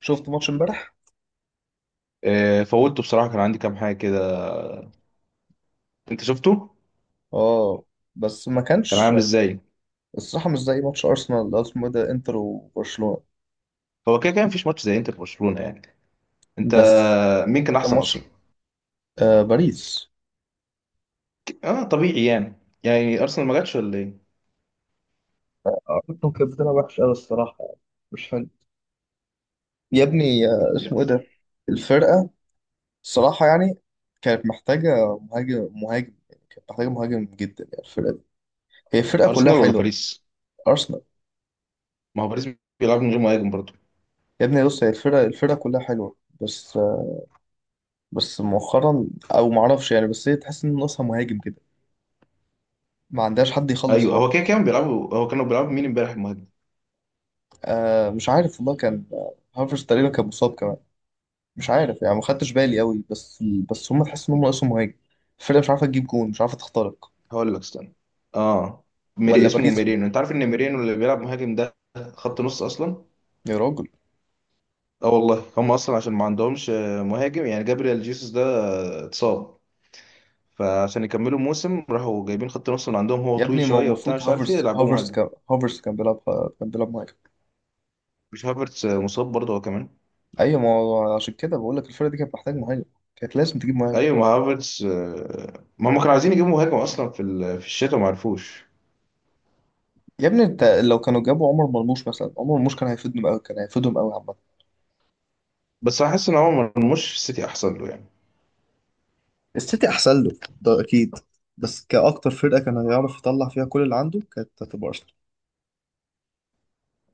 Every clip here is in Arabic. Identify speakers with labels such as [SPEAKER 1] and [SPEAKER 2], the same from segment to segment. [SPEAKER 1] شفت ماتش امبارح.
[SPEAKER 2] آه، فوتته بصراحة. كان عندي كام حاجة كده. انت شفته؟
[SPEAKER 1] اه، بس ما
[SPEAKER 2] كان
[SPEAKER 1] كانش
[SPEAKER 2] عامل ازاي؟
[SPEAKER 1] الصراحه مش زي ماتش ارسنال اللي هو اسمه إيه ده، انتر وبرشلونه.
[SPEAKER 2] هو كده كان مفيش ماتش زي انتر برشلونة يعني. انت،
[SPEAKER 1] بس
[SPEAKER 2] مين كان
[SPEAKER 1] كان
[SPEAKER 2] احسن
[SPEAKER 1] ماتش
[SPEAKER 2] اصلا؟
[SPEAKER 1] باريس.
[SPEAKER 2] اه، طبيعي يعني. يعني ارسنال ما جاتش ولا ايه؟
[SPEAKER 1] ارسنال كانت بتلعب وحش قوي الصراحه، يعني مش حلو. يا ابني
[SPEAKER 2] لا،
[SPEAKER 1] اسمه ايه ده، الفرقه، الصراحه يعني كانت محتاجه مهاجم. كانت محتاجه مهاجم جدا يعني الفرقه دي. هي الفرقه كلها
[SPEAKER 2] ارسنال ولا
[SPEAKER 1] حلوه،
[SPEAKER 2] باريس؟
[SPEAKER 1] ارسنال.
[SPEAKER 2] ما هو باريس بيلعب من غير مهاجم برضه.
[SPEAKER 1] يا ابني بص، هي الفرقه كلها حلوه، بس بس مؤخرا، او ما اعرفش يعني، بس هي تحس ان ناقصها مهاجم كده، ما عندهاش حد يخلص
[SPEAKER 2] ايوه، هو كده
[SPEAKER 1] خالص.
[SPEAKER 2] كان بيلعبوا، هو كانوا بيلعبوا مين امبارح المهاجم؟
[SPEAKER 1] مش عارف والله، كان هافرز تقريبا كان مصاب كمان. مش عارف يعني، ما خدتش بالي قوي، بس بس هم تحس ان هم ناقصهم مهاجم. الفرقه مش عارفه تجيب جون، مش عارفه تخترق.
[SPEAKER 2] هقول لك، استنى. اه. ميري،
[SPEAKER 1] ولا
[SPEAKER 2] اسمه
[SPEAKER 1] باريس.
[SPEAKER 2] ميرينو. انت عارف ان ميرينو اللي بيلعب مهاجم ده خط نص اصلا؟
[SPEAKER 1] يا راجل،
[SPEAKER 2] اه والله، هم اصلا عشان ما عندهمش مهاجم. يعني جابريال جيسوس ده اتصاب. فعشان يكملوا الموسم راحوا جايبين خط نص من عندهم، هو
[SPEAKER 1] يا
[SPEAKER 2] طويل
[SPEAKER 1] ابني ما هو
[SPEAKER 2] شويه وبتاع،
[SPEAKER 1] المفروض
[SPEAKER 2] مش عارف ايه،
[SPEAKER 1] هافرز،
[SPEAKER 2] يلعبوه
[SPEAKER 1] هافرز
[SPEAKER 2] مهاجم.
[SPEAKER 1] كان هافرز كان بيلعب، كان بيلعب مهاجم.
[SPEAKER 2] مش هافرتس مصاب برضه هو كمان؟
[SPEAKER 1] ايوه، ما هو عشان كده بقول لك الفرقه دي كانت محتاج مهاجم، كانت لازم تجيب مهاجم.
[SPEAKER 2] ايوه، ما هافرتس ما هم كانوا عايزين يجيبوا مهاجم اصلا في في الشتاء، ما عرفوش.
[SPEAKER 1] يا ابني انت لو كانوا جابوا عمر مرموش مثلا، عمر مرموش كان هيفيدهم قوي، كان هيفيدهم قوي عامه.
[SPEAKER 2] بس حاسس ان هو مرموش في السيتي احسن له يعني.
[SPEAKER 1] السيتي احسن له ده اكيد، بس كأكتر فرقة كان هيعرف يطلع فيها كل اللي عنده كانت هتبقى أرسنال.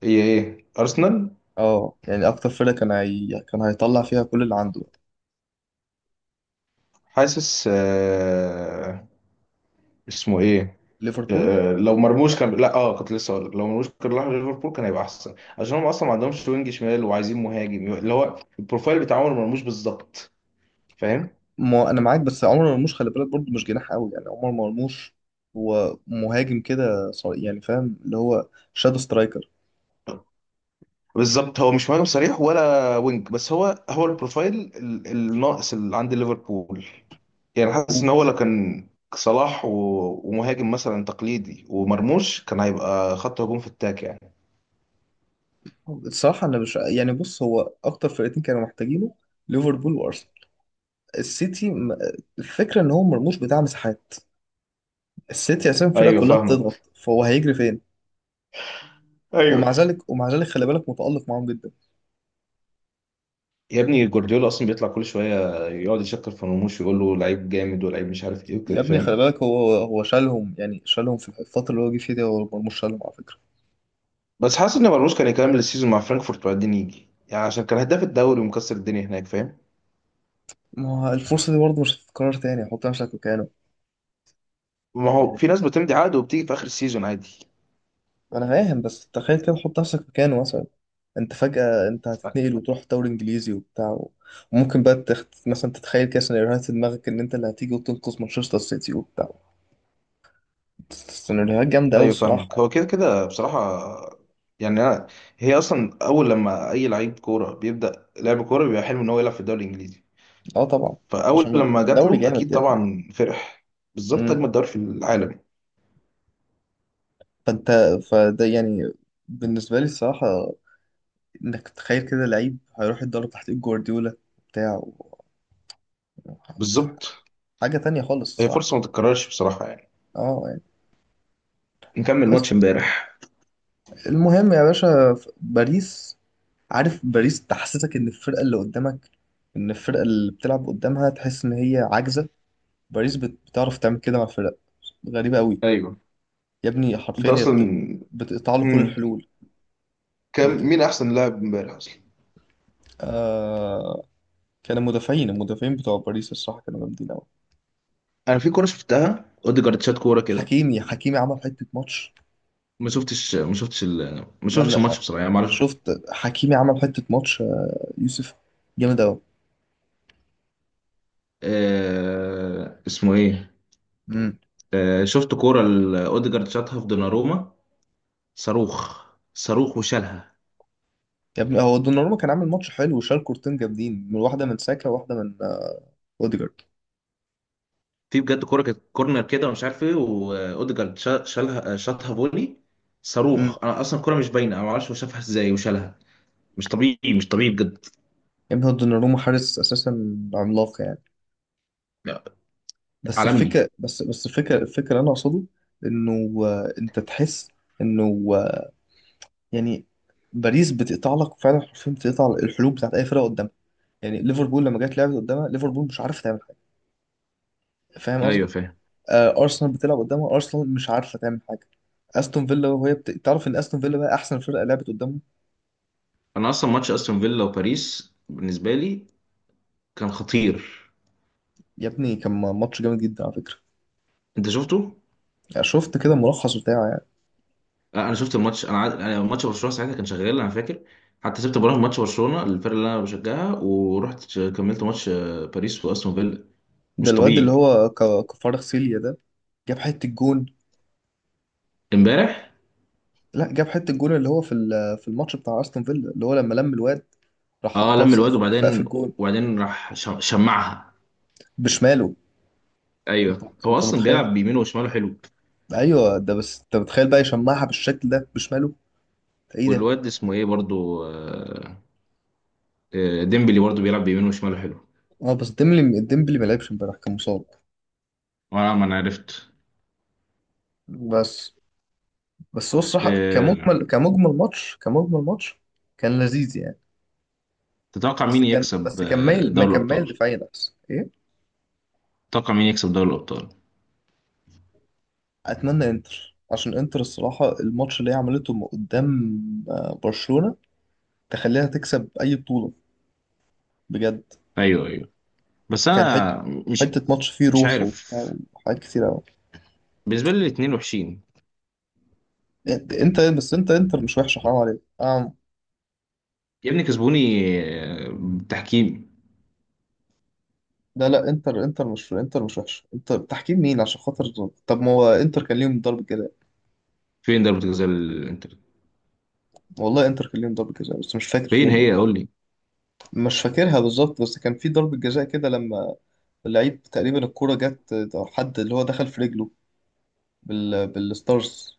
[SPEAKER 2] ايه ايه، ارسنال.
[SPEAKER 1] اه، يعني اكتر فرقه كان كان هيطلع فيها كل اللي عنده،
[SPEAKER 2] حاسس اسمه ايه؟
[SPEAKER 1] ليفربول.
[SPEAKER 2] لو مرموش كان، لا، اه، كنت لسه هقول لك لو مرموش كان راح ليفربول كان هيبقى احسن، عشان هم اصلا ما عندهمش وينج شمال وعايزين مهاجم اللي هو البروفايل بتاع عمر مرموش بالظبط. فاهم؟
[SPEAKER 1] ما انا معاك، بس عمر مرموش خلي بالك برضه مش جناح قوي يعني، عمر مرموش هو مهاجم كده، يعني فاهم، اللي هو شادو سترايكر.
[SPEAKER 2] بالظبط، هو مش مهاجم صريح ولا وينج، بس هو هو البروفايل الناقص اللي عند ليفربول. يعني حاسس ان
[SPEAKER 1] و-
[SPEAKER 2] هو لو كان صلاح ومهاجم مثلا تقليدي ومرموش، كان هيبقى خط هجوم في التاك يعني.
[SPEAKER 1] الصراحه انا مش يعني، بص هو اكتر فرقتين كانوا محتاجينه، ليفربول وارسنال. السيتي م- الفكره ان هو مرموش بتاع مساحات، السيتي اساسا الفرقه
[SPEAKER 2] ايوه
[SPEAKER 1] كلها
[SPEAKER 2] فاهمك.
[SPEAKER 1] بتضغط، فهو هيجري فين.
[SPEAKER 2] ايوه.
[SPEAKER 1] ومع ذلك خلي بالك متالق معاهم جدا.
[SPEAKER 2] يا ابني، جوارديولا اصلا بيطلع كل شويه يقعد يشكر في مرموش ويقول له لعيب جامد ولعيب مش عارف ايه
[SPEAKER 1] يا
[SPEAKER 2] وكده.
[SPEAKER 1] ابني خلي
[SPEAKER 2] فاهم؟
[SPEAKER 1] بالك، هو شالهم، يعني شالهم في الفترة اللي هو جه فيها دي، هو مرموش شالهم على فكرة.
[SPEAKER 2] بس حاسس ان مرموش كان يكمل السيزون مع فرانكفورت وبعدين يجي يعني، عشان كان هداف الدوري ومكسر الدنيا هناك. فاهم؟
[SPEAKER 1] ما هو الفرصة دي برضه مش هتتكرر تاني، حط نفسك مكانه
[SPEAKER 2] ما هو
[SPEAKER 1] يعني.
[SPEAKER 2] في ناس بتمضي عقد وبتيجي في اخر السيزون عادي.
[SPEAKER 1] أنا فاهم، بس تخيل كده، حط نفسك مكانه مثلا، أنت فجأة أنت هتتنقل وتروح دوري إنجليزي وبتاع وممكن بقى مثلا تتخيل كده سيناريوهات في دماغك إن أنت اللي هتيجي وتنقذ مانشستر سيتي وبتاع. سيناريوهات جامدة أوي
[SPEAKER 2] ايوه
[SPEAKER 1] الصراحة
[SPEAKER 2] فاهمك.
[SPEAKER 1] يعني.
[SPEAKER 2] هو كده كده بصراحه يعني. انا هي اصلا، اول لما اي لعيب كوره بيبدا لعب كوره بيبقى حلم ان هو يلعب في الدوري الانجليزي.
[SPEAKER 1] أه طبعا.
[SPEAKER 2] فاول
[SPEAKER 1] عشان
[SPEAKER 2] لما جات
[SPEAKER 1] الدوري
[SPEAKER 2] له
[SPEAKER 1] جامد
[SPEAKER 2] اكيد
[SPEAKER 1] يا ابني.
[SPEAKER 2] طبعا فرح. بالظبط،
[SPEAKER 1] أمم.
[SPEAKER 2] اجمل دوري في العالم.
[SPEAKER 1] فأنت، فده يعني بالنسبة لي الصراحة، انك تخيل كده لعيب هيروح يتدرب تحت ايد جوارديولا بتاع
[SPEAKER 2] بالظبط.
[SPEAKER 1] حاجة تانية خالص
[SPEAKER 2] هي فرصه
[SPEAKER 1] الصراحة.
[SPEAKER 2] ما تتكررش بصراحه يعني.
[SPEAKER 1] اه يعني.
[SPEAKER 2] نكمل
[SPEAKER 1] بس
[SPEAKER 2] ماتش امبارح.
[SPEAKER 1] المهم يا باشا، باريس، عارف باريس تحسسك ان الفرقة اللي قدامك، ان الفرقة اللي بتلعب قدامها تحس ان هي عاجزة. باريس بتعرف تعمل كده مع الفرق، غريبة قوي.
[SPEAKER 2] ايوه.
[SPEAKER 1] يا ابني
[SPEAKER 2] انت
[SPEAKER 1] حرفيا هي
[SPEAKER 2] اصلا.
[SPEAKER 1] بتقطع له كل
[SPEAKER 2] مم.
[SPEAKER 1] الحلول.
[SPEAKER 2] كم،
[SPEAKER 1] بت...
[SPEAKER 2] مين احسن لاعب امبارح اصلا؟
[SPEAKER 1] آه... كان المدافعين بتوع باريس الصراحة كانوا جامدين قوي.
[SPEAKER 2] انا في كوره شفتها، اوديجارد شات كوره كده.
[SPEAKER 1] حكيمي عمل حتة ماتش.
[SPEAKER 2] ما
[SPEAKER 1] ما
[SPEAKER 2] شفتش
[SPEAKER 1] انا
[SPEAKER 2] الماتش بصراحه يعني، ما
[SPEAKER 1] انا
[SPEAKER 2] اعرفش.
[SPEAKER 1] شفت حكيمي عمل حته ماتش، يوسف، جامد قوي.
[SPEAKER 2] اسمه ايه؟
[SPEAKER 1] امم.
[SPEAKER 2] شفت كورة اوديجارد شاطها في دوناروما. صاروخ. صاروخ وشالها.
[SPEAKER 1] يا ابني هو دوناروما كان عامل ماتش حلو، وشال كورتين جامدين، من واحده من ساكا وواحده من اوديجارد.
[SPEAKER 2] في بجد كورة كانت كورنر كده ومش عارف ايه، واوديجارد شالها، شاطها فولي.
[SPEAKER 1] امم.
[SPEAKER 2] صاروخ. انا اصلا الكورة مش باينة، انا ما اعرفش هو شافها ازاي وشالها. مش طبيعي، مش طبيعي بجد.
[SPEAKER 1] يا ابني هو دوناروما حارس اساسا عملاق يعني.
[SPEAKER 2] لا،
[SPEAKER 1] بس
[SPEAKER 2] عالمي.
[SPEAKER 1] الفكره بس بس الفكره الفكره اللي انا اقصده، انه انت تحس انه يعني باريس بتقطع لك فعلا حرفيا، بتقطع الحلول بتاعت اي فرقه قدامها. يعني ليفربول لما جت لعبت قدامها، ليفربول مش عارف تعمل حاجه، فاهم
[SPEAKER 2] ايوه
[SPEAKER 1] قصدي.
[SPEAKER 2] فاهم.
[SPEAKER 1] ارسنال بتلعب قدامها، ارسنال مش عارفه تعمل حاجه. استون فيلا، وهي تعرف ان استون فيلا بقى احسن فرقه لعبت قدامه.
[SPEAKER 2] انا اصلا ماتش استون فيلا وباريس بالنسبة لي كان خطير.
[SPEAKER 1] يا ابني كان ماتش جامد جدا على فكره.
[SPEAKER 2] انت شفته؟
[SPEAKER 1] يعني شفت كده الملخص بتاعه يعني.
[SPEAKER 2] لا، انا شفت الماتش. أنا، ماتش برشلونه ساعتها كان شغال انا فاكر. حتى سبت براهم ماتش برشلونه، الفرق اللي انا بشجعها، ورحت كملت ماتش باريس واستون فيلا.
[SPEAKER 1] ده
[SPEAKER 2] مش
[SPEAKER 1] الواد اللي
[SPEAKER 2] طبيعي.
[SPEAKER 1] هو كفارغ سيليا ده، جاب حته الجون.
[SPEAKER 2] امبارح؟
[SPEAKER 1] لا، جاب حته الجون اللي هو في في الماتش بتاع استون فيلا، اللي هو لما لم الواد راح
[SPEAKER 2] اه،
[SPEAKER 1] حطها في
[SPEAKER 2] لم الواد،
[SPEAKER 1] سقف
[SPEAKER 2] وبعدين
[SPEAKER 1] الجون
[SPEAKER 2] راح شمعها.
[SPEAKER 1] بشماله.
[SPEAKER 2] ايوه، هو
[SPEAKER 1] انت
[SPEAKER 2] اصلا
[SPEAKER 1] متخيل؟
[SPEAKER 2] بيلعب بيمينه وشماله حلو.
[SPEAKER 1] ايوه ده، بس انت متخيل بقى يشمعها بالشكل ده بشماله؟ ده ايه ده.
[SPEAKER 2] والواد اسمه ايه برضو؟ ديمبلي برضو بيلعب بيمينه وشماله حلو.
[SPEAKER 1] اه، بس ديمبلي ما لعبش امبارح، كان مصاب.
[SPEAKER 2] وانا، ما انا عرفت.
[SPEAKER 1] بس بس هو الصراحه
[SPEAKER 2] آه،
[SPEAKER 1] كمجمل ماتش، كان لذيذ يعني.
[SPEAKER 2] تتوقع مين
[SPEAKER 1] بس كان
[SPEAKER 2] يكسب
[SPEAKER 1] بس كان مايل ما
[SPEAKER 2] دوري
[SPEAKER 1] كان مايل
[SPEAKER 2] الابطال؟
[SPEAKER 1] دفاعيا احسن، ايه.
[SPEAKER 2] تتوقع مين يكسب دوري الابطال؟
[SPEAKER 1] اتمنى انتر، عشان انتر الصراحه الماتش اللي هي عملته قدام برشلونه تخليها تكسب اي بطوله بجد.
[SPEAKER 2] ايوه ايوه. بس
[SPEAKER 1] كان حته،
[SPEAKER 2] انا
[SPEAKER 1] حته ماتش فيه
[SPEAKER 2] مش
[SPEAKER 1] روح
[SPEAKER 2] عارف.
[SPEAKER 1] وبتاع وحاجات كتير قوي.
[SPEAKER 2] بالنسبة لي الاتنين وحشين.
[SPEAKER 1] انت انتر مش وحشه، حرام عليك.
[SPEAKER 2] يا ابني كسبوني بالتحكيم.
[SPEAKER 1] لا لا، انتر مش وحشه، انتر تحكيم مين عشان خاطر. طب ما هو انتر كان ليهم ضربه جزاء.
[SPEAKER 2] فين ضربة الجزاء الانتر؟
[SPEAKER 1] والله انتر كان ليهم ضربه جزاء، بس مش فاكر
[SPEAKER 2] فين
[SPEAKER 1] فين يعني.
[SPEAKER 2] هي؟ قول لي.
[SPEAKER 1] مش فاكرها بالظبط، بس كان في ضربة جزاء كده، لما اللعيب تقريبا الكرة جت، أو حد اللي هو دخل في رجله بالستارز.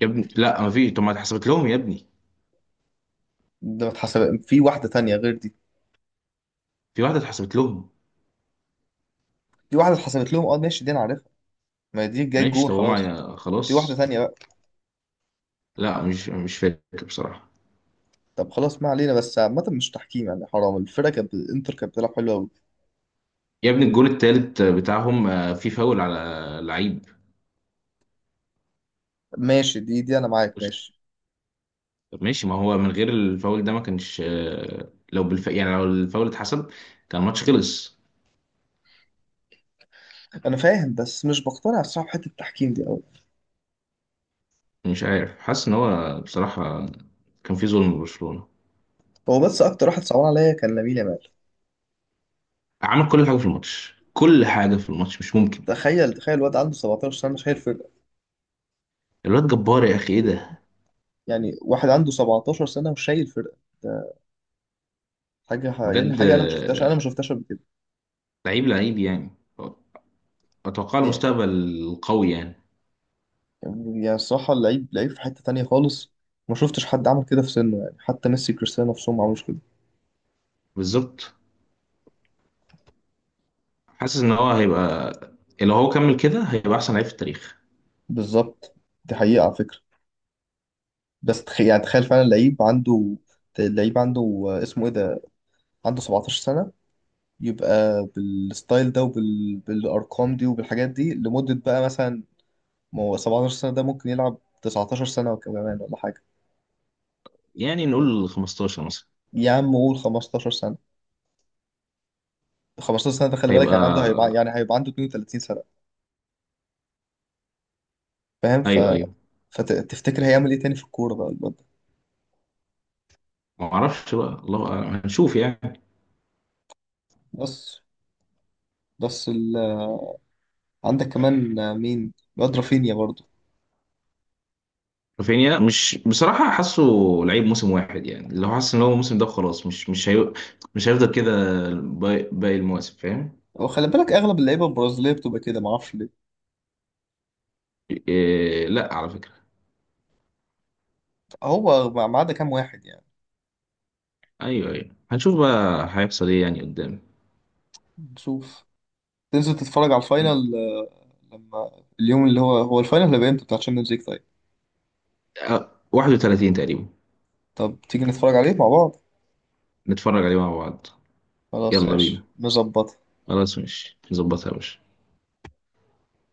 [SPEAKER 2] يا ابني لا، ما فيش. طب ما اتحسبت لهم يا ابني،
[SPEAKER 1] ده ما اتحسب، في واحدة تانية غير دي،
[SPEAKER 2] في واحدة اتحسبت لهم.
[SPEAKER 1] في واحدة اتحسبت لهم اه، ماشي دي أنا عارفها، ما دي جاي
[SPEAKER 2] ماشي،
[SPEAKER 1] جون
[SPEAKER 2] طب
[SPEAKER 1] خلاص.
[SPEAKER 2] هما
[SPEAKER 1] في واحدة
[SPEAKER 2] خلاص.
[SPEAKER 1] تانية بقى.
[SPEAKER 2] لا، مش فاكر بصراحة.
[SPEAKER 1] طب خلاص، ما علينا، بس عامة مش تحكيم يعني، حرام الفرقة كانت، الإنتر كانت بتلعب حلو أوي.
[SPEAKER 2] يا ابني الجول التالت بتاعهم في فاول على لعيب.
[SPEAKER 1] ماشي، دي أنا معاك ماشي.
[SPEAKER 2] طب ماشي. ما هو من غير الفاول ده ما كانش لو يعني لو الفاول اتحسب كان الماتش خلص.
[SPEAKER 1] أنا فاهم، بس مش بقتنع الصراحة بحتة التحكيم دي أوي.
[SPEAKER 2] مش عارف، حاسس ان هو بصراحة كان في ظلم لبرشلونة.
[SPEAKER 1] هو بس أكتر واحد صعبان عليا كان لامين يامال.
[SPEAKER 2] عمل كل حاجه في الماتش، كل حاجه في الماتش. مش ممكن.
[SPEAKER 1] تخيل الواد عنده 17 سنة شايل فرقة.
[SPEAKER 2] الواد جبار، يا اخي ايه ده.
[SPEAKER 1] يعني واحد عنده 17 سنة وشايل فرقة ده، حاجة يعني
[SPEAKER 2] بجد
[SPEAKER 1] حاجة أنا ما شفتهاش قبل كده
[SPEAKER 2] لعيب، لعيب يعني، اتوقع
[SPEAKER 1] يعني.
[SPEAKER 2] المستقبل قوي يعني.
[SPEAKER 1] يعني الصراحة اللعيب لعيب في حتة تانية خالص. ما شفتش حد عمل كده في سنه يعني، حتى ميسي كريستيانو نفسهم ما عملوش كده.
[SPEAKER 2] بالظبط. حاسس ان هو هيبقى، لو هو كمل كده هيبقى احسن لعيب في التاريخ.
[SPEAKER 1] بالظبط، دي حقيقة على فكرة. بس يعني تخيل فعلا لعيب عنده، اللعيب عنده اسمه إيه ده، عنده 17 سنة، يبقى بالستايل ده وبالأرقام دي وبالحاجات دي لمدة بقى مثلا. ما هو 17 سنة ده ممكن يلعب 19 سنة وكمان ولا حاجة.
[SPEAKER 2] يعني نقول 15 مثلا.
[SPEAKER 1] يا عم قول 15 سنة، 15 سنة ده خلي بالك،
[SPEAKER 2] هيبقى،
[SPEAKER 1] يعني عنده هيبقى، عنده 32 سنة. فاهم
[SPEAKER 2] ايوه ايوه.
[SPEAKER 1] فتفتكر هيعمل ايه تاني في الكورة بقى الواد ده.
[SPEAKER 2] ما اعرفش بقى، الله أعلم. هنشوف يعني.
[SPEAKER 1] بس بس ال... عندك كمان مين الواد، رافينيا برضه.
[SPEAKER 2] رافينيا، مش بصراحه حاسه لعيب موسم واحد يعني. لو حاسس ان هو الموسم ده خلاص، مش هيفضل كده باقي باقي المواسم. فاهم؟
[SPEAKER 1] وخلي بالك اغلب اللعيبة البرازيلية بتبقى كده، معرفش ليه.
[SPEAKER 2] إيه، لا على فكرة.
[SPEAKER 1] هو ما عدا كام واحد يعني،
[SPEAKER 2] ايوه ايوه، هنشوف بقى هيحصل ايه يعني قدام.
[SPEAKER 1] نشوف. تنزل تتفرج على الفاينل لما اليوم اللي هو الفاينل هيبقى امتى بتاع تشامبيونز ليج؟ طيب،
[SPEAKER 2] 31 تقريبا.
[SPEAKER 1] طب تيجي نتفرج عليه مع بعض.
[SPEAKER 2] نتفرج عليه مع بعض.
[SPEAKER 1] خلاص يا
[SPEAKER 2] يلا
[SPEAKER 1] باشا
[SPEAKER 2] بينا.
[SPEAKER 1] نظبط.
[SPEAKER 2] خلاص ماشي، نظبطها يا باشا.